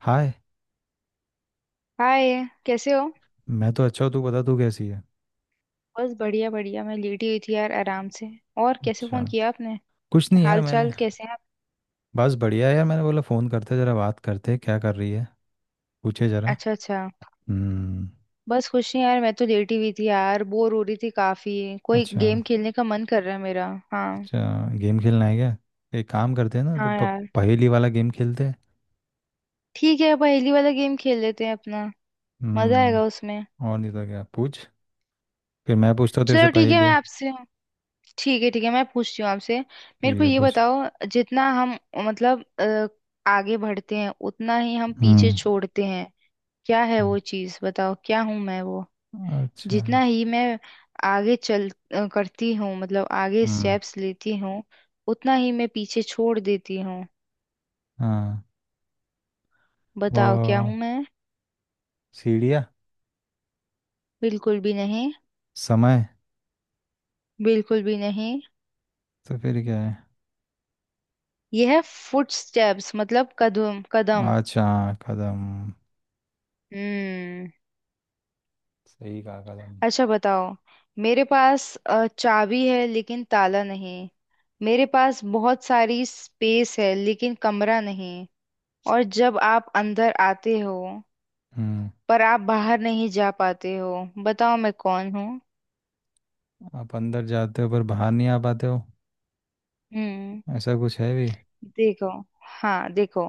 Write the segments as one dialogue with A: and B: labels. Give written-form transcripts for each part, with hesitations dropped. A: हाय।
B: Hi कैसे हो।
A: मैं तो अच्छा हूँ, तू बता तू कैसी है।
B: बस बढ़िया बढ़िया मैं लेटी हुई थी यार आराम से। और कैसे
A: अच्छा,
B: फोन किया आपने।
A: कुछ नहीं यार
B: हाल
A: मैंने।
B: चाल कैसे हैं आप।
A: बस बढ़िया है यार, मैंने बोला फ़ोन करते जरा, बात करते क्या कर रही है, पूछे जरा।
B: अच्छा अच्छा।
A: हम्म।
B: बस खुश नहीं यार मैं तो लेटी हुई थी यार बोर हो रही थी काफी। कोई
A: अच्छा
B: गेम खेलने का मन कर रहा है मेरा। हाँ।
A: अच्छा। गेम खेलना है क्या? एक काम करते हैं ना, तो
B: हाँ यार।
A: पहेली वाला गेम खेलते हैं।
B: ठीक है पहेली वाला गेम खेल लेते हैं अपना। मजा आएगा
A: हम्म।
B: उसमें।
A: और नहीं तो क्या, पूछ। फिर मैं पूछता हूँ तेरे से
B: चलो ठीक है मैं
A: पहेलियाँ।
B: आपसे। ठीक है मैं पूछती हूँ आपसे। मेरे
A: ठीक
B: को
A: है
B: ये
A: पूछ।
B: बताओ। जितना हम मतलब आगे बढ़ते हैं उतना ही हम पीछे
A: हम्म।
B: छोड़ते हैं। क्या है वो चीज बताओ क्या हूं मैं वो।
A: अच्छा।
B: जितना ही मैं आगे चल करती हूँ मतलब आगे
A: हम्म।
B: स्टेप्स लेती हूँ। उतना ही मैं पीछे छोड़ देती हूँ।
A: हाँ।
B: बताओ क्या हूँ
A: वो
B: मैं।
A: सीढ़ियाँ।
B: बिल्कुल भी नहीं।
A: समय।
B: बिल्कुल भी नहीं।
A: तो फिर क्या है?
B: यह है फुट स्टेप्स मतलब कदम कदम।
A: अच्छा। कदम।
B: हम्म।
A: सही कहा, कदम।
B: अच्छा बताओ। मेरे पास चाबी है लेकिन ताला नहीं। मेरे पास बहुत सारी स्पेस है लेकिन कमरा नहीं। और जब आप अंदर आते हो
A: हम्म।
B: पर आप बाहर नहीं जा पाते हो। बताओ मैं कौन हूँ।
A: आप अंदर जाते हो पर बाहर नहीं आ पाते हो?
B: हम्म।
A: ऐसा कुछ है भी?
B: देखो। हाँ देखो।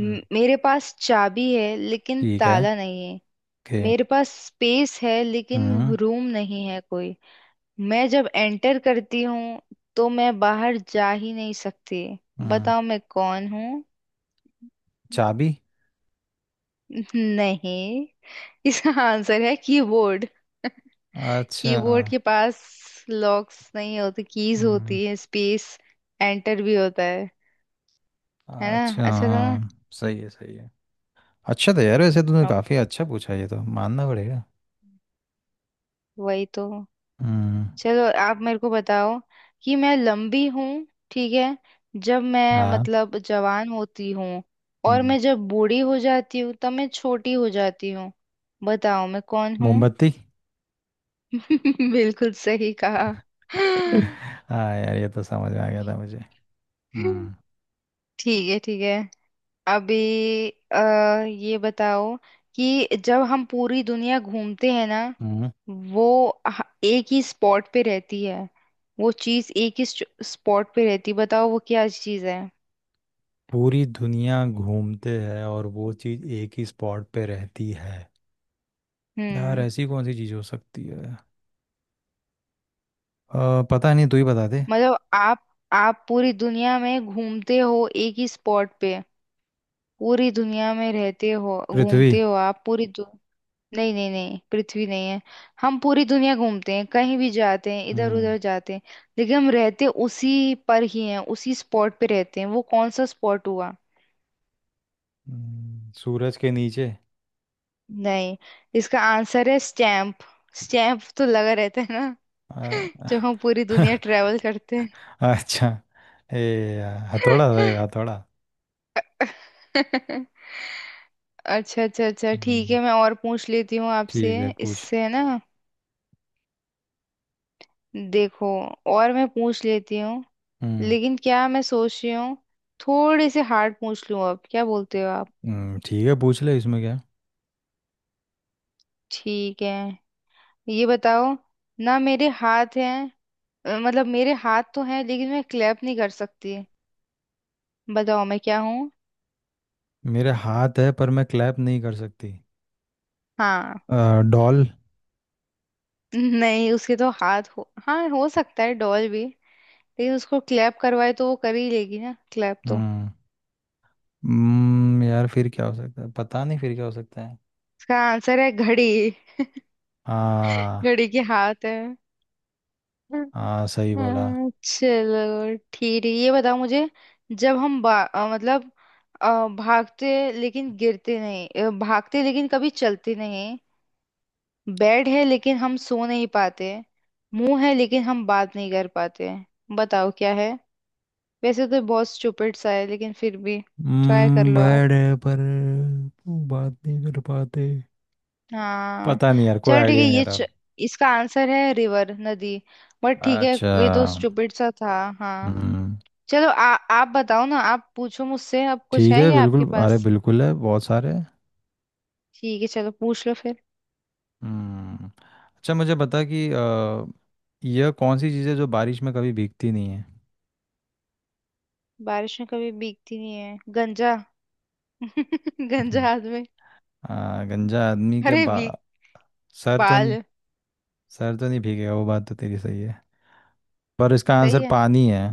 A: हम्म।
B: मेरे पास चाबी है लेकिन
A: ठीक है।
B: ताला नहीं है।
A: ओके।
B: मेरे पास स्पेस है लेकिन
A: हम्म।
B: रूम नहीं है कोई। मैं जब एंटर करती हूँ तो मैं बाहर जा ही नहीं सकती।
A: हम्म।
B: बताओ मैं कौन हूँ।
A: चाबी।
B: नहीं। इसका आंसर है कीबोर्ड।
A: अच्छा।
B: कीबोर्ड के पास लॉक्स नहीं होते कीज
A: हम्म।
B: होती है स्पेस। एंटर भी होता है। है ना
A: अच्छा
B: अच्छा था ना।
A: हाँ, सही है सही है। अच्छा था यार, वैसे तूने
B: अब
A: काफ़ी अच्छा पूछा, ये तो मानना पड़ेगा।
B: वही तो।
A: हम्म।
B: चलो आप मेरे को बताओ कि मैं लंबी हूँ। ठीक है। जब मैं
A: हाँ।
B: मतलब जवान होती हूँ और
A: हम्म।
B: मैं जब बूढ़ी हो जाती हूँ तब मैं छोटी हो जाती हूँ। बताओ मैं कौन हूँ।
A: मोमबत्ती।
B: बिल्कुल सही कहा।
A: हाँ यार, ये तो समझ में आ गया था मुझे। हम्म।
B: ठीक है ठीक है। अभी ये बताओ कि जब हम पूरी दुनिया घूमते हैं ना।
A: हम्म।
B: वो एक ही स्पॉट पे रहती है। वो चीज एक ही स्पॉट पे रहती है बताओ वो क्या चीज है।
A: पूरी दुनिया घूमते हैं और वो चीज़ एक ही स्पॉट पे रहती है? यार
B: हम्म।
A: ऐसी कौन सी चीज़ हो सकती है? पता नहीं, तू ही बता दे।
B: मतलब आप पूरी दुनिया में घूमते हो एक ही स्पॉट पे। पूरी दुनिया में रहते हो
A: पृथ्वी।
B: घूमते हो आप नहीं नहीं नहीं पृथ्वी नहीं है। हम पूरी दुनिया घूमते हैं कहीं भी जाते हैं इधर
A: हम्म।
B: उधर जाते हैं। लेकिन हम रहते उसी पर ही हैं उसी स्पॉट पे रहते हैं वो कौन सा स्पॉट हुआ।
A: सूरज के नीचे।
B: नहीं। इसका आंसर है स्टैम्प। स्टैम्प तो लगा रहता है ना।
A: अ,
B: जब हम पूरी दुनिया ट्रेवल करते हैं।
A: अच्छा। ए। यार, हथौड़ा था ये, हथौड़ा।
B: अच्छा अच्छा अच्छा ठीक
A: हम्म,
B: है मैं और पूछ लेती हूँ आपसे
A: ठीक है पूछ।
B: इससे है ना। देखो और मैं पूछ लेती हूँ।
A: हम्म।
B: लेकिन क्या मैं सोच रही हूँ थोड़े से हार्ड पूछ लूँ अब क्या बोलते हो आप।
A: ठीक है पूछ ले, इसमें क्या है?
B: ठीक है ये बताओ ना मेरे हाथ हैं। मतलब मेरे हाथ तो हैं लेकिन मैं क्लैप नहीं कर सकती। बताओ मैं क्या हूँ।
A: मेरे हाथ है पर मैं क्लैप नहीं कर सकती।
B: हाँ।
A: अ, डॉल।
B: नहीं उसके तो हाथ हो हाँ हो सकता है डॉल भी। लेकिन उसको क्लैप करवाए तो वो कर ही लेगी ना क्लैप तो।
A: हम्म। यार फिर क्या हो सकता है, पता नहीं फिर क्या हो सकता है।
B: इसका आंसर है घड़ी।
A: हाँ।
B: घड़ी के हाथ है।
A: हाँ सही बोला।
B: हाँ, चलो ठीक है ये बताओ मुझे। जब हम मतलब भागते लेकिन गिरते नहीं भागते लेकिन कभी चलते नहीं। बेड है लेकिन हम सो नहीं पाते। मुंह है लेकिन हम बात नहीं कर पाते। बताओ क्या है। वैसे तो बहुत स्टूपिड सा है लेकिन फिर भी ट्राई कर लो आप।
A: बड़े पर वो बात नहीं कर पाते।
B: हाँ
A: पता नहीं यार, कोई
B: चल ठीक है
A: आइडिया नहीं यार अब।
B: इसका आंसर है रिवर नदी। बट ठीक है।
A: अच्छा।
B: ये तो स्टूपिड सा था। हाँ।
A: हम्म।
B: चलो आप बताओ ना आप पूछो मुझसे अब कुछ
A: ठीक
B: है
A: है
B: क्या
A: बिल्कुल,
B: आपके
A: अरे
B: पास।
A: बिल्कुल है बहुत सारे।
B: ठीक है चलो पूछ लो फिर।
A: हम्म। अच्छा मुझे बता कि यह कौन सी चीज़ है जो बारिश में कभी भीगती नहीं है?
B: बारिश में कभी भीगती नहीं है गंजा। गंजा
A: हम्म।
B: हाथ में।
A: गंजा आदमी के
B: अरे
A: बा
B: भीग
A: सर तो नहीं।
B: बाल।
A: सर तो नहीं भीगेगा, वो बात तो तेरी सही है, पर इसका
B: सही
A: आंसर
B: है।
A: पानी है।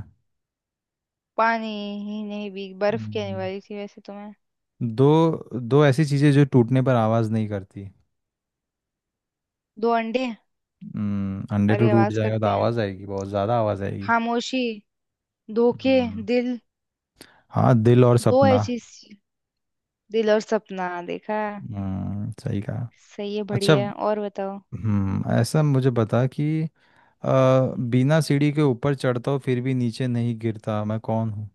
B: पानी। ही नहीं भीग बर्फ कहने
A: हम्म,
B: वाली थी वैसे तो मैं।
A: दो। दो ऐसी चीज़ें जो टूटने पर आवाज़ नहीं करती।
B: दो अंडे।
A: हम्म, अंडे तो
B: अरे
A: टूट
B: आवाज
A: जाएगा तो
B: करते हैं।
A: आवाज़ आएगी, बहुत ज़्यादा आवाज़ आएगी।
B: खामोशी। धोखे।
A: हम्म।
B: दिल।
A: हाँ, दिल और
B: दो
A: सपना।
B: ऐसी सी- दिल और सपना देखा।
A: हम्म, सही कहा।
B: सही है
A: अच्छा।
B: बढ़िया है और बताओ।
A: हम्म, ऐसा मुझे बता कि बिना सीढ़ी के ऊपर चढ़ता हूँ फिर भी नीचे नहीं गिरता, मैं कौन हूँ?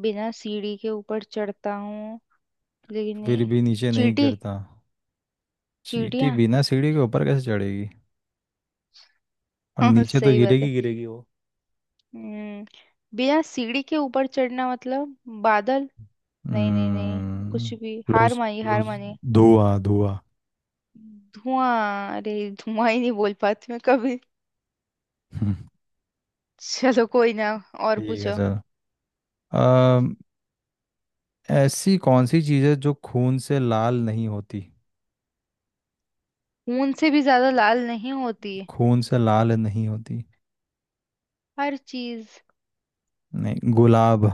B: बिना सीढ़ी के ऊपर चढ़ता हूँ। लेकिन
A: फिर
B: ये-
A: भी नीचे नहीं
B: चींटी।
A: गिरता। चींटी
B: चींटियां।
A: बिना सीढ़ी के ऊपर कैसे चढ़ेगी? और
B: हाँ
A: नीचे तो
B: सही बात है।
A: गिरेगी गिरेगी वो।
B: हम्म। बिना सीढ़ी के ऊपर चढ़ना मतलब बादल। नहीं नहीं नहीं।
A: हम्म।
B: कुछ भी हार
A: क्लोज
B: मानी हार
A: क्लोज।
B: मानी।
A: धुआं धुआं।
B: धुआं अरे। धुआं ही नहीं बोल पाती मैं कभी।
A: हम्म,
B: चलो कोई ना। और
A: ठीक है
B: पूछो।
A: सर। अम, ऐसी कौन सी चीज़ है जो खून से लाल नहीं होती?
B: खून से भी ज्यादा लाल नहीं होती।
A: खून से लाल नहीं होती।
B: हर चीज।
A: नहीं, गुलाब।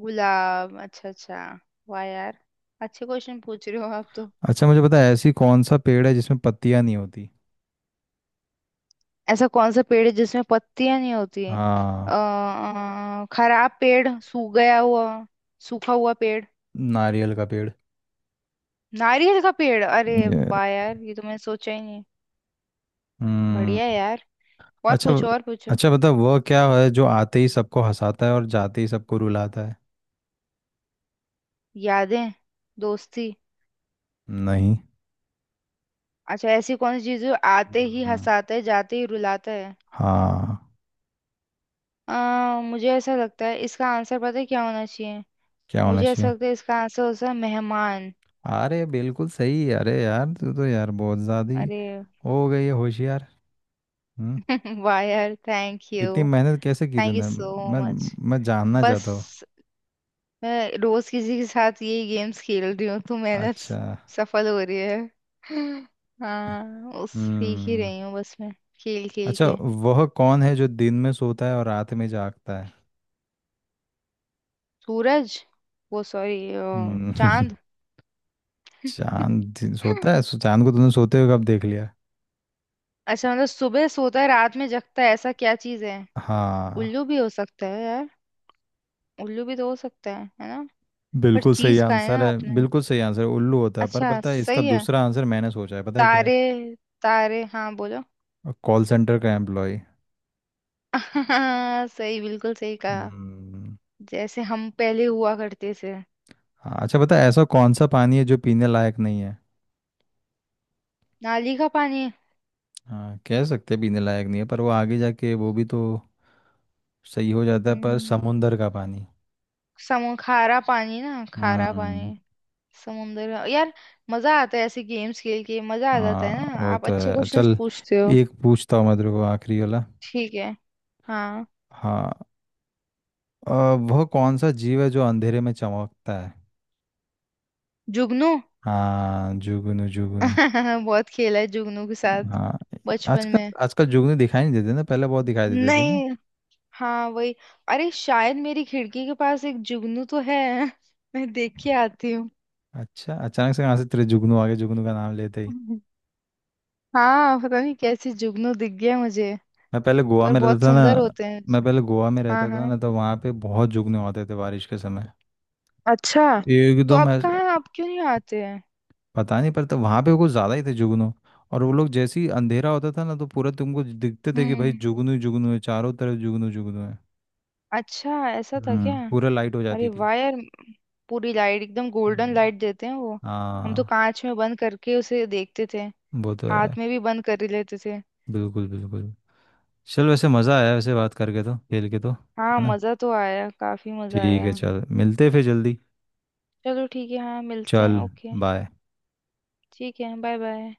B: गुलाब अच्छा अच्छा। वाह यार अच्छे क्वेश्चन पूछ रहे हो आप तो।
A: अच्छा, मुझे पता है, ऐसी कौन सा पेड़ है जिसमें पत्तियां नहीं होती?
B: ऐसा कौन सा पेड़ है जिसमें पत्तियां नहीं होती है।
A: हाँ।
B: खराब पेड़ सूख गया हुआ। सूखा हुआ पेड़।
A: नारियल का पेड़।
B: नारियल का पेड़ अरे
A: ये।
B: वाह यार ये तो मैंने सोचा ही नहीं। बढ़िया
A: हम्म।
B: है यार। और
A: अच्छा।
B: पूछो और पूछो।
A: अच्छा बता वह क्या है जो आते ही सबको हंसाता है और जाते ही सबको रुलाता है?
B: यादें। दोस्ती।
A: नहीं।
B: अच्छा ऐसी कौन सी चीज है जो आते ही
A: हम्म,
B: हंसाता है जाते ही रुलाता है।
A: हाँ।
B: मुझे ऐसा लगता है इसका आंसर पता है क्या होना चाहिए।
A: क्या होना
B: मुझे ऐसा
A: चाहिए?
B: लगता है इसका आंसर हो सकता है मेहमान।
A: अरे बिल्कुल सही, अरे यार तू तो यार बहुत ज्यादा ही
B: अरे
A: हो गई है होशियार। हम्म।
B: वाह यार थैंक यू।
A: इतनी मेहनत कैसे की
B: थैंक यू
A: तूने?
B: सो
A: मैं।
B: मच।
A: मैं जानना
B: बस
A: चाहता हूँ।
B: मैं रोज किसी के साथ यही गेम्स खेल रही हूँ तो
A: अच्छा।
B: सफल हो रही है। हाँ उस सीख ही
A: हम्म।
B: रही हूँ बस मैं खेल खेल
A: अच्छा,
B: के।
A: वह कौन है जो दिन में सोता है और रात में जागता है?
B: सूरज वो सॉरी
A: हम्म,
B: चांद।
A: चांद दिन सोता है, सो चांद को तुमने सोते हुए कब देख लिया?
B: अच्छा मतलब सुबह सोता है रात में जगता है ऐसा क्या चीज है।
A: हाँ।
B: उल्लू भी हो सकता है यार। उल्लू भी तो हो सकता है ना। पर
A: बिल्कुल सही
B: चीज का है
A: आंसर
B: ना
A: है,
B: आपने।
A: बिल्कुल सही आंसर है, उल्लू होता है, पर
B: अच्छा
A: पता है इसका
B: सही है।
A: दूसरा आंसर मैंने सोचा है, पता है क्या है?
B: तारे। तारे हाँ बोलो।
A: कॉल सेंटर का एम्प्लॉय।
B: सही बिल्कुल सही कहा।
A: हम्म।
B: जैसे हम पहले हुआ करते थे।
A: हाँ, अच्छा पता है, ऐसा कौन सा पानी है जो पीने लायक नहीं है?
B: नाली का पानी।
A: हाँ, कह सकते हैं पीने लायक नहीं है, पर वो आगे जाके वो भी तो सही हो जाता है, पर
B: हम्म,
A: समुंदर का पानी।
B: समु खारा पानी ना खारा पानी।
A: हम्म।
B: यार मजा आता है ऐसे गेम्स खेल के मजा आ जाता है
A: हाँ।
B: ना
A: वो
B: आप
A: तो
B: अच्छे
A: है,
B: क्वेश्चंस
A: चल।
B: पूछते हो।
A: एक पूछता हूँ मैं तेरे को आखिरी वाला।
B: ठीक है। हाँ।
A: हाँ। अ, वह कौन सा जीव है जो अंधेरे में चमकता है?
B: जुगनू।
A: हाँ, जुगनू जुगनू।
B: बहुत खेला है जुगनू के साथ
A: हाँ।
B: बचपन
A: आजकल।
B: में।
A: आजकल जुगनू दिखाई नहीं देते ना, पहले बहुत दिखाई देते थे नहीं।
B: नहीं। हाँ वही। अरे शायद मेरी खिड़की के पास एक जुगनू तो है। मैं देख के आती हूँ।
A: अच्छा, अचानक से कहाँ से तेरे जुगनू आ गए, जुगनू का नाम लेते ही।
B: हाँ पता नहीं कैसे जुगनू दिख गया मुझे।
A: मैं पहले गोवा
B: पर
A: में
B: बहुत
A: रहता था
B: सुंदर
A: ना।
B: होते हैं।
A: मैं पहले गोवा में
B: हाँ
A: रहता था
B: हाँ।
A: ना, तो वहाँ पे बहुत जुगनू होते थे बारिश के समय।
B: अच्छा। तो
A: एकदम
B: आप क्यों नहीं आते हैं।
A: पता नहीं पड़ता, वहाँ पे कुछ ज़्यादा ही थे जुगनू। और वो लोग जैसे ही अंधेरा होता था ना, तो पूरा तुमको दिखते थे कि भाई
B: हम्म।
A: जुगनू ही जुगनू है, चारों तरफ जुगनू जुगनू है।
B: अच्छा ऐसा था क्या।
A: हम्म, पूरा लाइट हो जाती
B: अरे
A: थी।
B: वाह यार पूरी लाइट एकदम गोल्डन
A: हम्म।
B: लाइट देते हैं वो। हम तो
A: हाँ।
B: कांच में बंद करके उसे देखते थे।
A: वो तो है।
B: हाथ में भी बंद कर ही लेते थे।
A: बिल्कुल बिल्कुल। चल वैसे मज़ा आया, वैसे बात करके तो, खेल के तो
B: हाँ
A: है ना।
B: मज़ा तो आया काफ़ी मज़ा
A: ठीक है
B: आया।
A: चल, मिलते हैं फिर जल्दी।
B: चलो ठीक है हाँ मिलते
A: चल।
B: हैं ओके।
A: बाय।
B: ठीक है बाय बाय।